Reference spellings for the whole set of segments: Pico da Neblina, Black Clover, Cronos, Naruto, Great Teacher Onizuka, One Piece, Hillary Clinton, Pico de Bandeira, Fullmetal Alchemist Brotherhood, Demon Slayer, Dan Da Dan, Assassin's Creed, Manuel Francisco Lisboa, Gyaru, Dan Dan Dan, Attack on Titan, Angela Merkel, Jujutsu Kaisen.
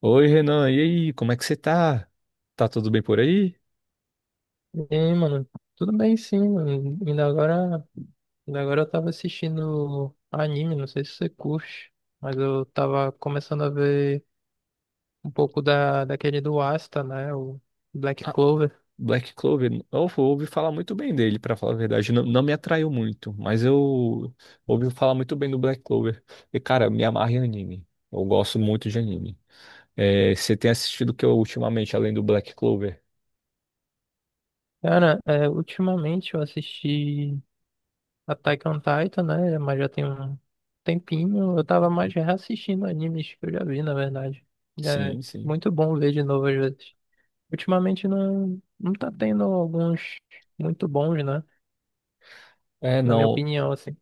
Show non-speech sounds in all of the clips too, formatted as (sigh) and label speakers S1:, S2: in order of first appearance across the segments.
S1: Oi, Renan, e aí, como é que você tá? Tá tudo bem por aí?
S2: E aí, mano, tudo bem sim, mano. Ainda agora eu tava assistindo anime, não sei se você curte, mas eu tava começando a ver um pouco daquele do Asta, né? O Black
S1: Ah,
S2: Clover.
S1: Black Clover, eu ouvi falar muito bem dele, pra falar a verdade. Não me atraiu muito, mas eu ouvi falar muito bem do Black Clover. E, cara, me amarra em anime. Eu gosto muito de anime. É, você tem assistido o que eu ultimamente, além do Black Clover?
S2: Cara, ultimamente eu assisti Attack on Titan, né? Mas já tem um tempinho. Eu tava mais reassistindo animes que eu já vi, na verdade. É
S1: Sim, sim.
S2: muito bom ver de novo às vezes. Ultimamente não tá tendo alguns muito bons, né?
S1: É,
S2: Na minha
S1: não.
S2: opinião, assim.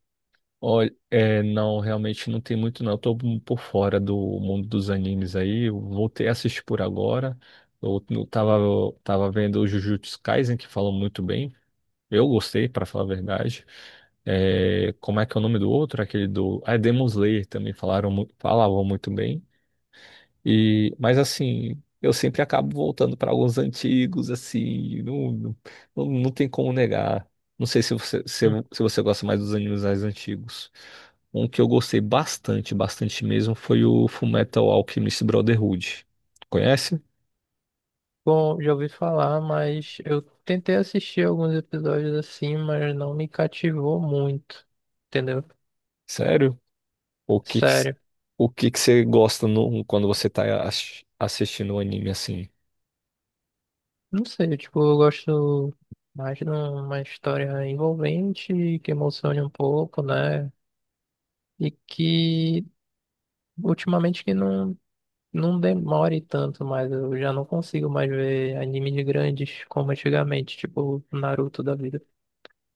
S1: Olha, é, não, realmente não tem muito não. Eu tô um por fora do mundo dos animes aí. Eu voltei a assistir por agora. Eu tava vendo o Jujutsu Kaisen, que falam muito bem. Eu gostei, para falar a verdade. É, como é que é o nome do outro? Aquele do... Ah, é Demon Slayer também falaram, falavam muito bem. E, mas assim, eu sempre acabo voltando para alguns antigos, assim, não tem como negar. Não sei se você, se você gosta mais dos animes mais antigos. Um que eu gostei bastante, bastante mesmo, foi o Fullmetal Alchemist Brotherhood. Conhece?
S2: Bom, já ouvi falar, mas eu tentei assistir alguns episódios assim, mas não me cativou muito, entendeu?
S1: Sério? O que que,
S2: Sério.
S1: o que que você gosta quando você tá assistindo o anime assim?
S2: Não sei, tipo, eu gosto mais de uma história envolvente, que emocione um pouco, né? E que ultimamente que não, não demore tanto, mas eu já não consigo mais ver anime de grandes como antigamente, tipo Naruto da vida.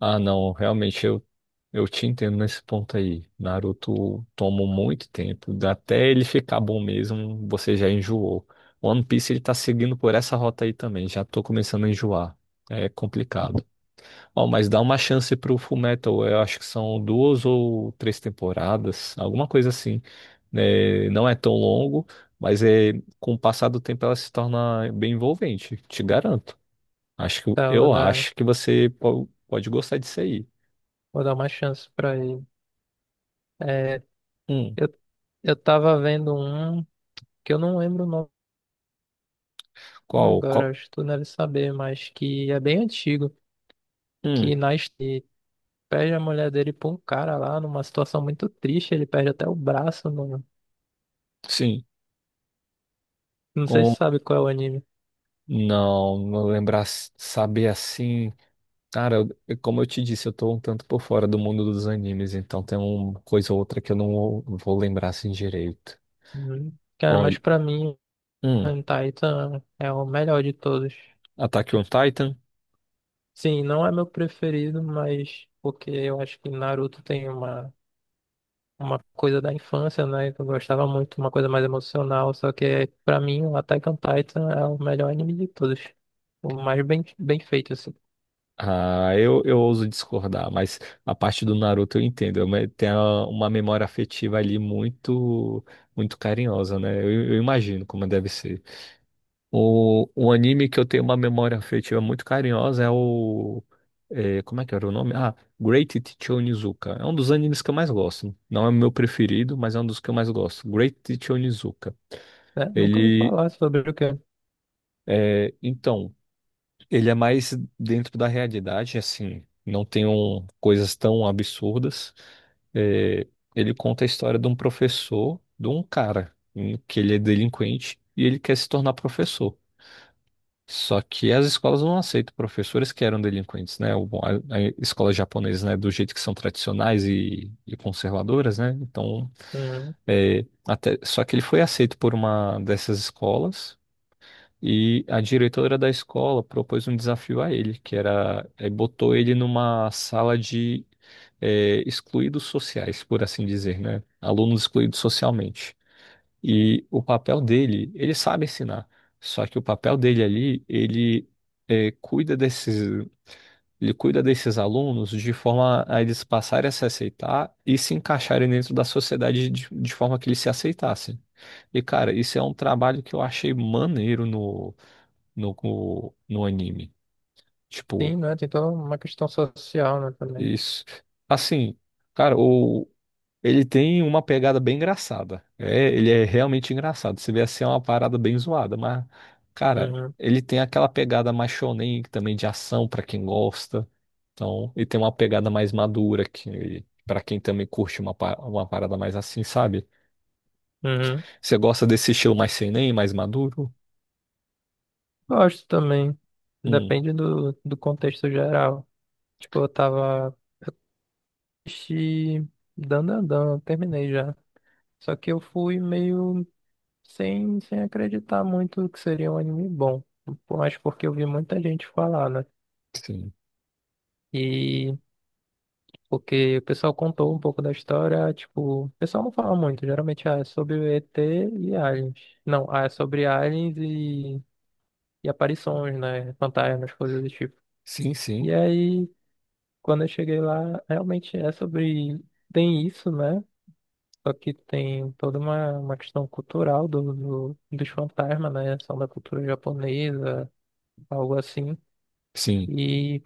S1: Ah, não, realmente eu te entendo nesse ponto aí. Naruto toma muito tempo, até ele ficar bom mesmo, você já enjoou. One Piece ele tá seguindo por essa rota aí também, já tô começando a enjoar. É complicado. Ó, mas dá uma chance pro Fullmetal, eu acho que são duas ou três temporadas, alguma coisa assim. Né? Não é tão longo, mas é, com o passar do tempo ela se torna bem envolvente, te garanto. Acho que
S2: Tá,
S1: eu acho que você pode gostar disso aí.
S2: vou dar uma chance pra ele. É,
S1: Hum,
S2: Eu, eu tava vendo um que eu não lembro o nome
S1: qual, qual?
S2: agora, acho que tu deve saber, mas que é bem antigo,
S1: Hum,
S2: que nasce e perde a mulher dele pra um cara lá numa situação muito triste, ele perde até o braço, mano.
S1: sim.
S2: Não sei se
S1: Com,
S2: sabe qual é o anime.
S1: não, não lembrar, saber assim. Cara, como eu te disse, eu tô um tanto por fora do mundo dos animes, então tem uma coisa ou outra que eu não vou lembrar assim direito.
S2: Hum. Cara,
S1: Olha,
S2: mas pra mim,
S1: hum,
S2: Taita é o melhor de todos.
S1: Attack on
S2: Tipo,
S1: Titan.
S2: sim, não é meu preferido, mas porque eu acho que Naruto tem uma coisa da infância, né? Que eu gostava muito, uma coisa mais emocional, só que pra mim o Attack on Titan é o melhor anime de todos. O mais bem feito, assim,
S1: Ah, eu ouso discordar, mas a parte do Naruto eu entendo. Tem uma memória afetiva ali muito, muito carinhosa, né? Eu imagino como deve ser. O anime que eu tenho uma memória afetiva muito carinhosa é o. É, como é que era o nome? Ah, Great Teacher Onizuka. É um dos animes que eu mais gosto. Não é o meu preferido, mas é um dos que eu mais gosto. Great Teacher Onizuka.
S2: né? Nunca ouvi
S1: Ele.
S2: falar sobre o quê?
S1: É, então, ele é mais dentro da realidade, assim. Não tem coisas tão absurdas. É, ele conta a história de um professor, de um cara, que ele é delinquente e ele quer se tornar professor. Só que as escolas não aceitam professores que eram delinquentes, né? A escola japonesa, né, do jeito que são tradicionais e conservadoras, né? Então,
S2: Uhum.
S1: é, até, só que ele foi aceito por uma dessas escolas e a diretora da escola propôs um desafio a ele, que era, é, botou ele numa sala de, é, excluídos sociais, por assim dizer, né? Alunos excluídos socialmente. E o papel dele, ele sabe ensinar. Só que o papel dele ali, ele é, ele cuida desses alunos de forma a eles passarem a se aceitar e se encaixarem dentro da sociedade de forma que eles se aceitassem. E, cara, isso é um trabalho que eu achei maneiro no anime. Tipo,
S2: Sim, né? Tem toda uma questão social, né, também.
S1: isso. Assim, cara, o. Ele tem uma pegada bem engraçada. É, ele é realmente engraçado. Você vê assim, é uma parada bem zoada, mas, cara,
S2: Uhum.
S1: ele tem aquela pegada mais shonen também de ação pra quem gosta. Então, ele tem uma pegada mais madura que para quem também curte uma, uma parada mais assim, sabe?
S2: Uhum.
S1: Você gosta desse estilo mais seinen, mais maduro?
S2: Gosto também.
S1: Hum,
S2: Depende do, do contexto geral. Tipo, eu tava assisti Dan Dan Dan, eu terminei já. Só que eu fui meio sem acreditar muito que seria um anime bom. Mas porque eu vi muita gente falar, né?
S1: sim.
S2: E porque o pessoal contou um pouco da história, tipo, o pessoal não fala muito, geralmente ah, é sobre o ET e aliens. Não, ah, é sobre aliens e aparições, né? Fantasmas, coisas do tipo.
S1: Sim, sim.
S2: E aí, quando eu cheguei lá, realmente é sobre. Tem isso, né? Só que tem toda uma questão cultural do, do- dos fantasmas, né? São da cultura japonesa, algo assim.
S1: Sim.
S2: E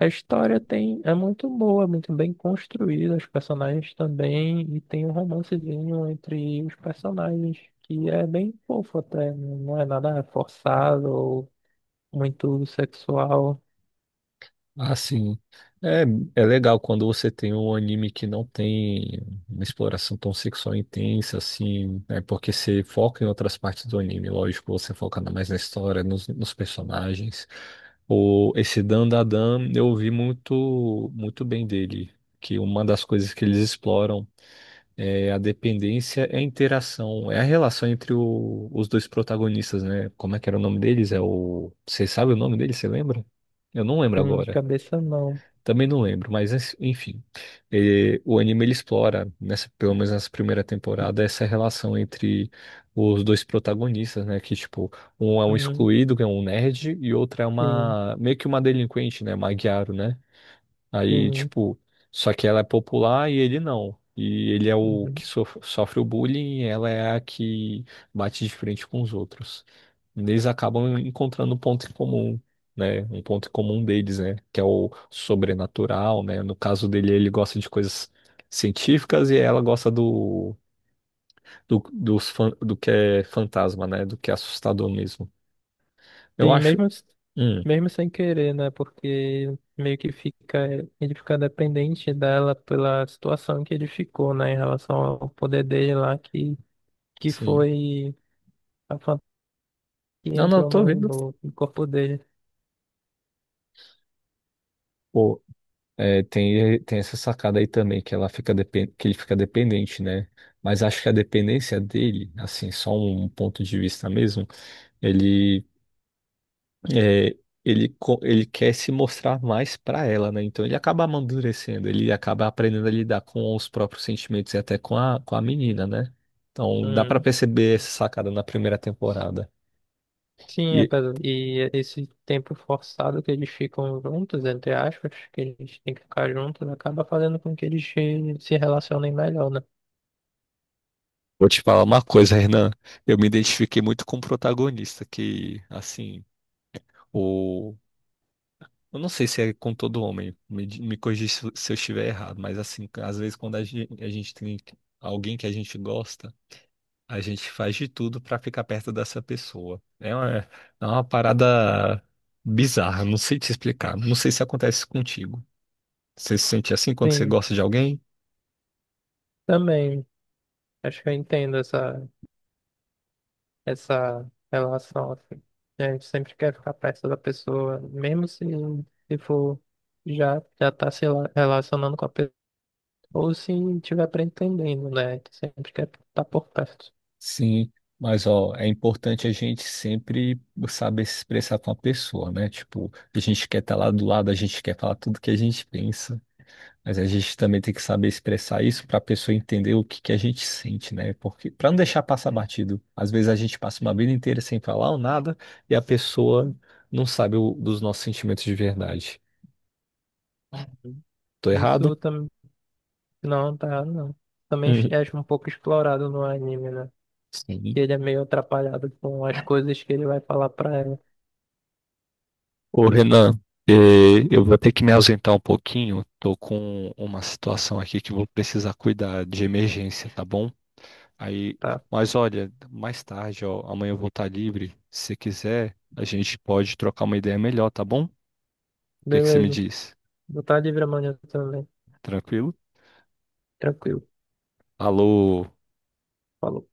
S2: a história tem, é muito boa, muito bem construída, os personagens também, e tem um romancezinho entre os personagens, que é bem fofo até, não é nada forçado ou muito sexual,
S1: Ah, sim. É, é legal quando você tem um anime que não tem uma exploração tão sexual intensa, assim, né? Porque você foca em outras partes do anime, lógico, você foca mais na história, nos, nos personagens. O, esse Dan Da Dan, eu vi muito, muito bem dele, que uma das coisas que eles exploram é a dependência, é a interação, é a relação entre os dois protagonistas, né? Como é que era o nome deles? É o... Você sabe o nome deles? Você lembra? Eu não lembro
S2: de
S1: agora.
S2: cabeça não.
S1: Também não lembro, mas enfim. Eh, o anime ele explora, nessa, pelo menos nessa primeira temporada, essa relação entre os dois protagonistas, né? Que, tipo, um é um
S2: Uhum,
S1: excluído, que é um nerd, e outra é
S2: sim,
S1: uma, meio que uma delinquente, né? Uma Gyaru, né? Aí,
S2: sim,
S1: tipo, só que ela é popular e ele não. E ele é o
S2: uhum.
S1: que sofre o bullying e ela é a que bate de frente com os outros. Eles acabam encontrando um ponto em comum, né? Um ponto em comum deles, né? Que é o sobrenatural, né? No caso dele, ele gosta de coisas científicas e ela gosta dos do que é fantasma, né? Do que é assustador mesmo. Eu
S2: Sim,
S1: acho.
S2: mesmo,
S1: Hum,
S2: mesmo sem querer, né? Porque meio que fica, ele fica dependente dela pela situação que ele ficou, né? Em relação ao poder dele lá, que
S1: sim.
S2: foi. A fanta que
S1: Não, não,
S2: entrou
S1: tô vendo.
S2: no corpo dele.
S1: É, tem, tem essa sacada aí também, que ela fica que ele fica dependente, né? Mas acho que a dependência dele, assim, só um ponto de vista mesmo, ele, é, ele, ele quer se mostrar mais pra ela, né? Então ele acaba amadurecendo, ele acaba aprendendo a lidar com os próprios sentimentos e até com a menina, né? Então dá pra
S2: Hum,
S1: perceber essa sacada na primeira temporada.
S2: sim,
S1: E
S2: apesar, e esse tempo forçado que eles ficam juntos, entre aspas, que eles têm que ficar juntos, acaba fazendo com que eles se relacionem melhor, né?
S1: vou te falar uma coisa, Renan, eu me identifiquei muito com o protagonista, que, assim. Eu não sei se é com todo homem, me, me corrija se se eu estiver errado, mas assim, às vezes quando a gente tem alguém que a gente gosta, a gente faz de tudo pra ficar perto dessa pessoa. É uma parada bizarra, não sei te explicar. Não sei se acontece contigo. Você se sente assim quando você
S2: Sim,
S1: gosta de alguém?
S2: também. Acho que eu entendo essa relação, assim. A gente sempre quer ficar perto da pessoa, mesmo se for já tá se relacionando com a pessoa, ou se tiver pretendendo, né? Sempre quer estar por perto.
S1: Sim, mas ó, é importante a gente sempre saber se expressar com a pessoa, né? Tipo, a gente quer estar lá do lado, a gente quer falar tudo que a gente pensa, mas a gente também tem que saber expressar isso para a pessoa entender o que que a gente sente, né? Porque para não deixar passar batido, às vezes a gente passa uma vida inteira sem falar ou nada e a pessoa não sabe dos nossos sentimentos de verdade. Tô
S2: Isso
S1: errado? (laughs)
S2: também. Não, tá errado, não. Também
S1: Uhum.
S2: é acho um pouco explorado no anime, né? Que
S1: Sim.
S2: ele é meio atrapalhado com as coisas que ele vai falar pra ela.
S1: Ô Renan, eh, eu vou ter que me ausentar um pouquinho. Tô com uma situação aqui que vou precisar cuidar de emergência, tá bom? Aí,
S2: Tá.
S1: mas olha, mais tarde, ó, amanhã eu vou estar livre. Se quiser, a gente pode trocar uma ideia melhor, tá bom? O que que você me
S2: Beleza.
S1: diz?
S2: Vou estar livre amanhã também.
S1: Tranquilo?
S2: Tranquilo.
S1: Alô?
S2: Falou.